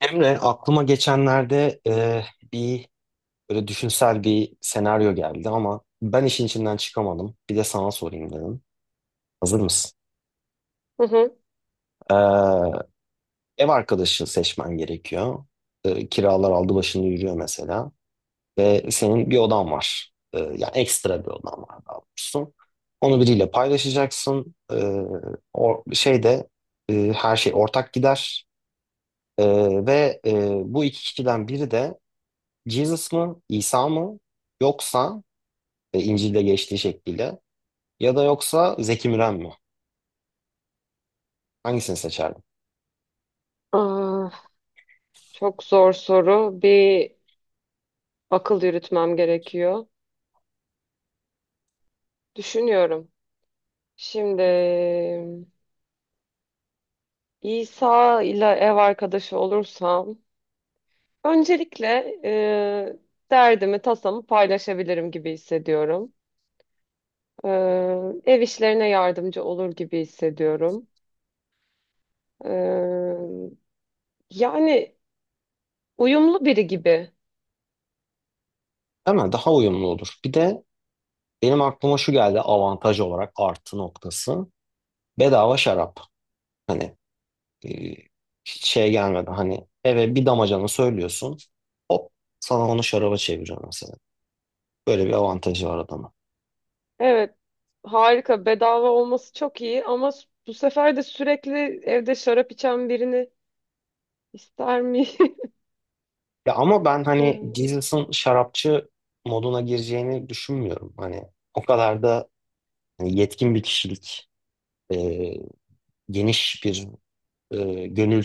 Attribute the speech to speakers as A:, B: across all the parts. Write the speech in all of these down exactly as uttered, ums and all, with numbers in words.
A: Emre, aklıma geçenlerde e, bir böyle düşünsel bir senaryo geldi ama ben işin içinden çıkamadım. Bir de sana sorayım dedim. Hazır mısın?
B: Hı hı.
A: Ee, Ev arkadaşı seçmen gerekiyor. Ee, kiralar aldı başını yürüyor mesela. Ve senin bir odan var. Ee, yani ekstra bir odan var daha doğrusu. Onu biriyle paylaşacaksın. Ee, o şeyde e, her şey ortak gider. Ee, ve e, bu iki kişiden biri de Jesus mı, İsa mı yoksa e, İncil'de geçtiği şekliyle ya da yoksa Zeki Müren mi? Hangisini seçerdin?
B: Aa, çok zor soru. Bir akıl yürütmem gerekiyor. Düşünüyorum. Şimdi İsa ile ev arkadaşı olursam öncelikle e, derdimi, tasamı paylaşabilirim gibi hissediyorum. E, ev işlerine yardımcı olur gibi hissediyorum. E, yani uyumlu biri gibi.
A: Değil mi? Daha uyumlu olur. Bir de benim aklıma şu geldi avantaj olarak artı noktası. Bedava şarap. Hani e, hiç şey gelmedi. Hani eve bir damacana söylüyorsun. Hop sana onu şaraba çeviriyor mesela. Böyle bir avantajı var adamın.
B: Evet, harika. Bedava olması çok iyi ama s- bu sefer de sürekli evde şarap içen birini İster mi?
A: Ya ama ben hani Jesus'ın şarapçı moduna gireceğini düşünmüyorum. Hani o kadar da hani yetkin bir kişilik. e, Geniş bir e, gönül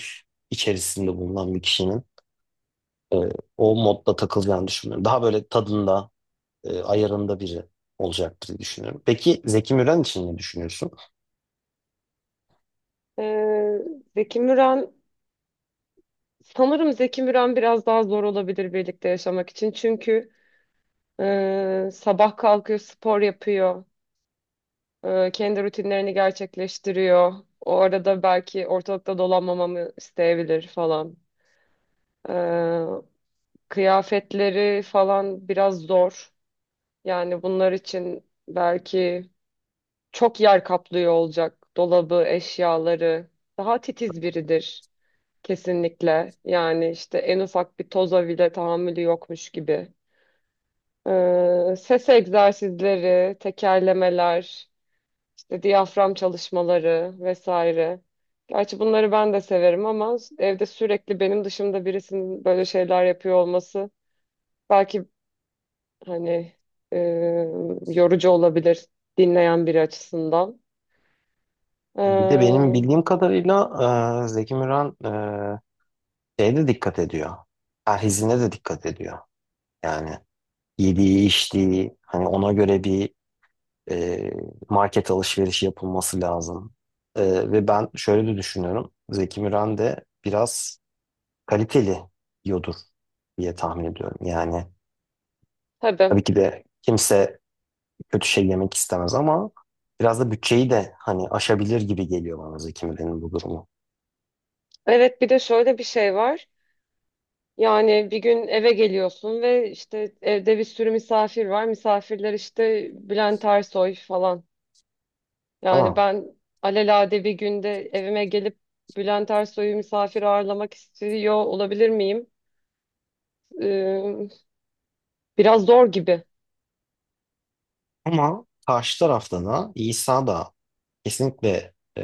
A: içerisinde bulunan bir kişinin e, o modda takılacağını düşünmüyorum. Daha böyle tadında, e, ayarında biri olacaktır diye düşünüyorum. Peki Zeki Müren için ne düşünüyorsun?
B: Ee, Zeki Müren sanırım Zeki Müren biraz daha zor olabilir birlikte yaşamak için. Çünkü e, sabah kalkıyor, spor yapıyor, e, kendi rutinlerini gerçekleştiriyor. O arada belki ortalıkta dolanmamamı isteyebilir falan. Ee, kıyafetleri falan biraz zor. Yani bunlar için belki çok yer kaplıyor olacak dolabı, eşyaları. Daha titiz biridir. Kesinlikle. Yani işte en ufak bir toza bile tahammülü yokmuş gibi. Ee, ses egzersizleri, tekerlemeler, işte diyafram çalışmaları vesaire. Gerçi bunları ben de severim ama evde sürekli benim dışımda birisinin böyle şeyler yapıyor olması belki hani e, yorucu olabilir dinleyen biri açısından.
A: Bir de benim
B: Ee,
A: bildiğim kadarıyla e, Zeki Müren e, şeye de dikkat ediyor. Perhizine de dikkat ediyor. Yani yediği, içtiği, hani ona göre bir e, market alışverişi yapılması lazım. E, ve ben şöyle de düşünüyorum. Zeki Müren de biraz kaliteli yiyordur diye tahmin ediyorum. Yani
B: tabii.
A: tabii ki de kimse kötü şey yemek istemez ama biraz da bütçeyi de hani aşabilir gibi geliyor bana Zeki Müren'in bu durumu.
B: Evet bir de şöyle bir şey var. Yani bir gün eve geliyorsun ve işte evde bir sürü misafir var. Misafirler işte Bülent Ersoy falan. Yani
A: Ama
B: ben alelade bir günde evime gelip Bülent Ersoy'u misafir ağırlamak istiyor olabilir miyim? Ee, biraz zor gibi.
A: ama karşı tarafta da İsa da kesinlikle e,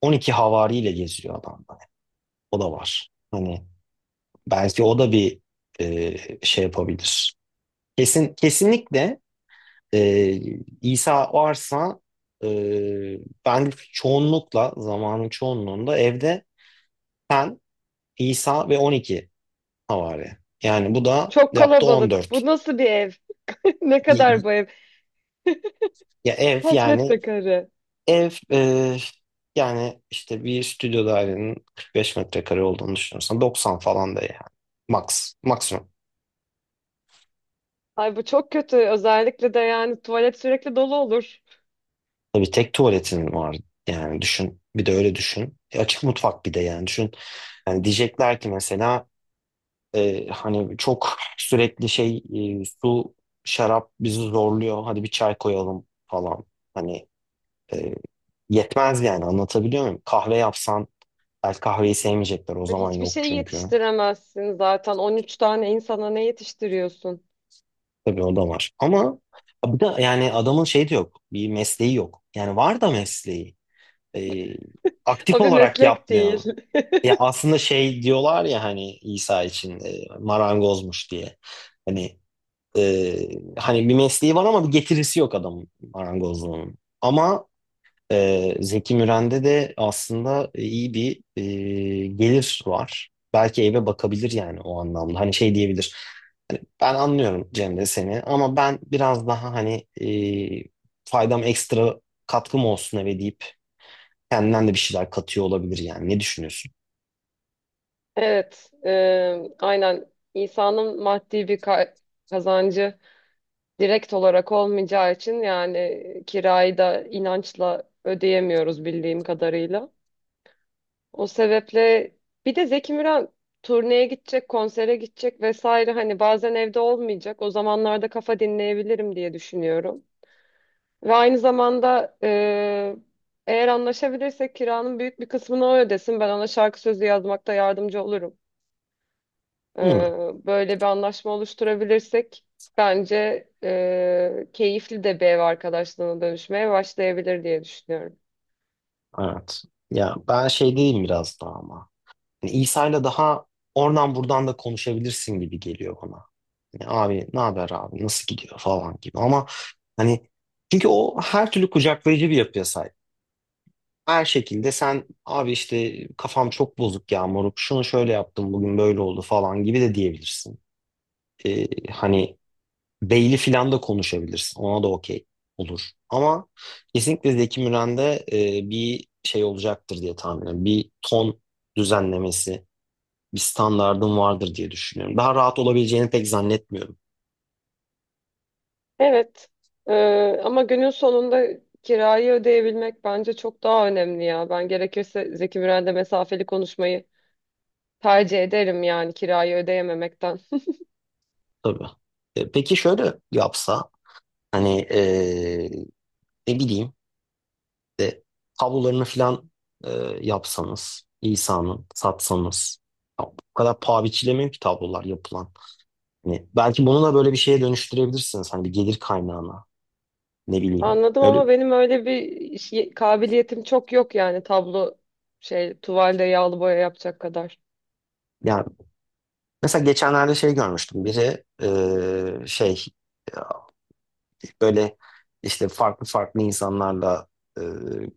A: on iki havariyle geziyor adam da. O da var. Hani belki o da bir e, şey yapabilir. Kesin kesinlikle e, İsa varsa e, ben çoğunlukla zamanın çoğunluğunda evde ben İsa ve on iki havari. Yani bu da
B: Çok
A: yaptı
B: kalabalık.
A: on dört.
B: Bu nasıl bir ev? Ne
A: Y-
B: kadar
A: y-
B: bu ev?
A: Ya ev
B: Kaç
A: yani
B: metrekare?
A: ev e, yani işte bir stüdyo dairenin kırk beş metrekare olduğunu düşünürsen doksan falan da yani max maksimum.
B: Ay bu çok kötü. Özellikle de yani tuvalet sürekli dolu olur.
A: Tabii tek tuvaletin var yani düşün bir de öyle düşün. E, açık mutfak bir de yani düşün. Yani diyecekler ki mesela Ee, hani çok sürekli şey e, su şarap bizi zorluyor hadi bir çay koyalım falan hani e, yetmez yani anlatabiliyor muyum? Kahve yapsan belki kahveyi sevmeyecekler o
B: Ve
A: zaman
B: hiçbir
A: yok
B: şey
A: çünkü
B: yetiştiremezsin zaten. On üç tane insana ne yetiştiriyorsun?
A: tabii o da var ama bir de yani adamın şey de yok bir mesleği yok yani var da mesleği Ee, aktif
B: O bir
A: olarak
B: meslek
A: yapmıyor.
B: değil.
A: Ya aslında şey diyorlar ya hani İsa için e, marangozmuş diye. Hani Ee, hani bir mesleği var ama bir getirisi yok adamın marangozluğunun. Ama e, Zeki Müren'de de aslında iyi bir e, gelir var. Belki eve bakabilir yani o anlamda. Hani şey diyebilir. Hani ben anlıyorum Cemre seni ama ben biraz daha hani e, faydam ekstra katkım olsun eve deyip kendinden de bir şeyler katıyor olabilir yani. Ne düşünüyorsun?
B: Evet, e, aynen insanın maddi bir ka- kazancı direkt olarak olmayacağı için yani kirayı da inançla ödeyemiyoruz bildiğim kadarıyla. O sebeple bir de Zeki Müren turneye gidecek, konsere gidecek vesaire hani bazen evde olmayacak. O zamanlarda kafa dinleyebilirim diye düşünüyorum. Ve aynı zamanda e, eğer anlaşabilirsek kiranın büyük bir kısmını o ödesin. Ben ona şarkı sözü yazmakta yardımcı olurum. Ee,
A: Hı,
B: böyle bir anlaşma oluşturabilirsek bence e, keyifli de bir ev arkadaşlığına dönüşmeye başlayabilir diye düşünüyorum.
A: evet. Ya ben şey diyeyim biraz daha ama. Yani İsa'yla daha oradan buradan da konuşabilirsin gibi geliyor bana. Yani abi ne haber abi nasıl gidiyor falan gibi ama hani çünkü o her türlü kucaklayıcı bir yapıya sahip. Her şekilde sen abi işte kafam çok bozuk ya moruk şunu şöyle yaptım bugün böyle oldu falan gibi de diyebilirsin. Ee, hani Beyli filan da konuşabilirsin ona da okey olur. Ama kesinlikle Zeki Müren'de e, bir şey olacaktır diye tahmin ediyorum. Bir ton düzenlemesi bir standardın vardır diye düşünüyorum. Daha rahat olabileceğini pek zannetmiyorum
B: Evet. Ee, ama günün sonunda kirayı ödeyebilmek bence çok daha önemli ya. Ben gerekirse Zeki Müren'le mesafeli konuşmayı tercih ederim yani kirayı ödeyememekten.
A: tabii. E, peki şöyle yapsa hani e, ne bileyim de tablolarını falan e, yapsanız İsa'nın satsanız ya, bu kadar paha biçilemiyor ki tablolar yapılan. Hani belki bunu da böyle bir şeye dönüştürebilirsiniz hani bir gelir kaynağına ne bileyim.
B: Anladım
A: Öyle
B: ama benim öyle bir iş- kabiliyetim çok yok yani tablo şey tuvalde yağlı boya yapacak kadar.
A: yani mesela geçenlerde şey görmüştüm biri e, şey böyle işte farklı farklı insanlarla e,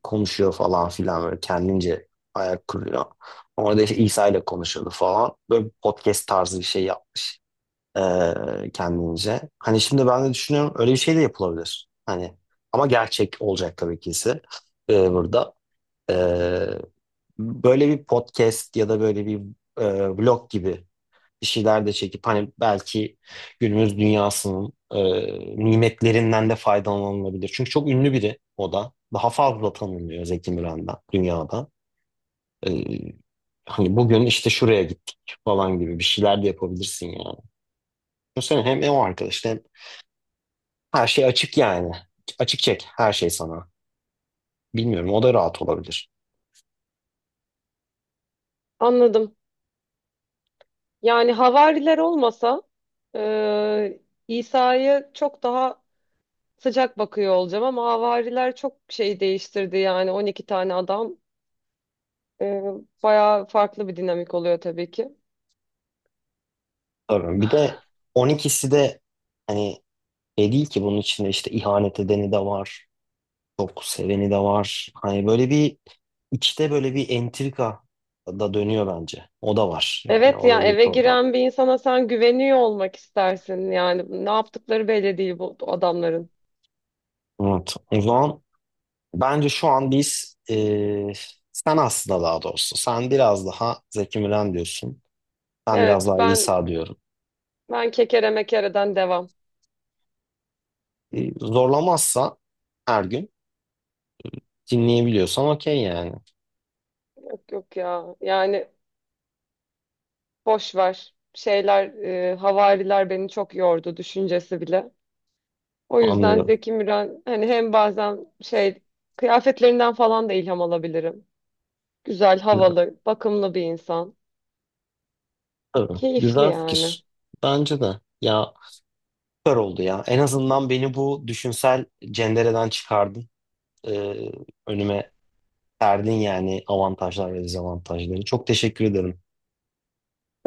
A: konuşuyor falan filan böyle kendince ayak kuruyor. Orada işte İsa ile konuşuyordu falan. Böyle podcast tarzı bir şey yap e, kendince. Hani şimdi ben de düşünüyorum öyle bir şey de yapılabilir. Hani ama gerçek olacak tabii ki ise e, burada. E, böyle bir podcast ya da böyle bir e, vlog gibi bir şeyler de çekip hani belki günümüz dünyasının e, nimetlerinden de faydalanılabilir. Çünkü çok ünlü biri o da. Daha fazla tanınıyor Zeki Müren'den dünyada. E, hani bugün işte şuraya gittik falan gibi bir şeyler de yapabilirsin yani. Düşünsene hem o arkadaş hem her şey açık yani. Açık çek her şey sana. Bilmiyorum o da rahat olabilir.
B: Anladım. Yani havariler olmasa e, İsa'ya çok daha sıcak bakıyor olacağım ama havariler çok şey değiştirdi yani on iki tane adam e, bayağı farklı bir dinamik oluyor tabii ki.
A: Tabii. Bir de on ikisi de hani şey değil ki bunun içinde işte ihanet edeni de var. Çok seveni de var. Hani böyle bir içte böyle bir entrika da dönüyor bence. O da var. Yani
B: Evet
A: o
B: ya
A: da bir
B: eve
A: program.
B: giren bir insana sen güveniyor olmak istersin yani ne yaptıkları belli değil bu adamların.
A: Evet. O zaman bence şu an biz e, sen aslında daha doğrusu sen biraz daha Zeki Müren diyorsun. Ben biraz
B: Evet
A: daha
B: ben
A: İsa diyorum.
B: ben kekere mekereden devam.
A: E, zorlamazsa her gün dinleyebiliyorsan okey yani.
B: Yok yok ya. Yani boş ver. Şeyler e, havariler beni çok yordu düşüncesi bile. O yüzden
A: Anlıyorum.
B: Zeki Müren hani hem bazen şey kıyafetlerinden falan da ilham alabilirim. Güzel,
A: Güzel.
B: havalı, bakımlı bir insan.
A: Tabii.
B: Keyifli
A: Güzel
B: yani.
A: fikir. Bence de. Ya süper oldu ya. En azından beni bu düşünsel cendereden çıkardın. e, Önüme serdin yani avantajlar ve dezavantajları. Çok teşekkür ederim.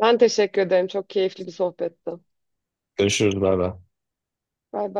B: Ben teşekkür ederim. Çok keyifli bir sohbetti.
A: Görüşürüz. Bay bay.
B: Bay bay.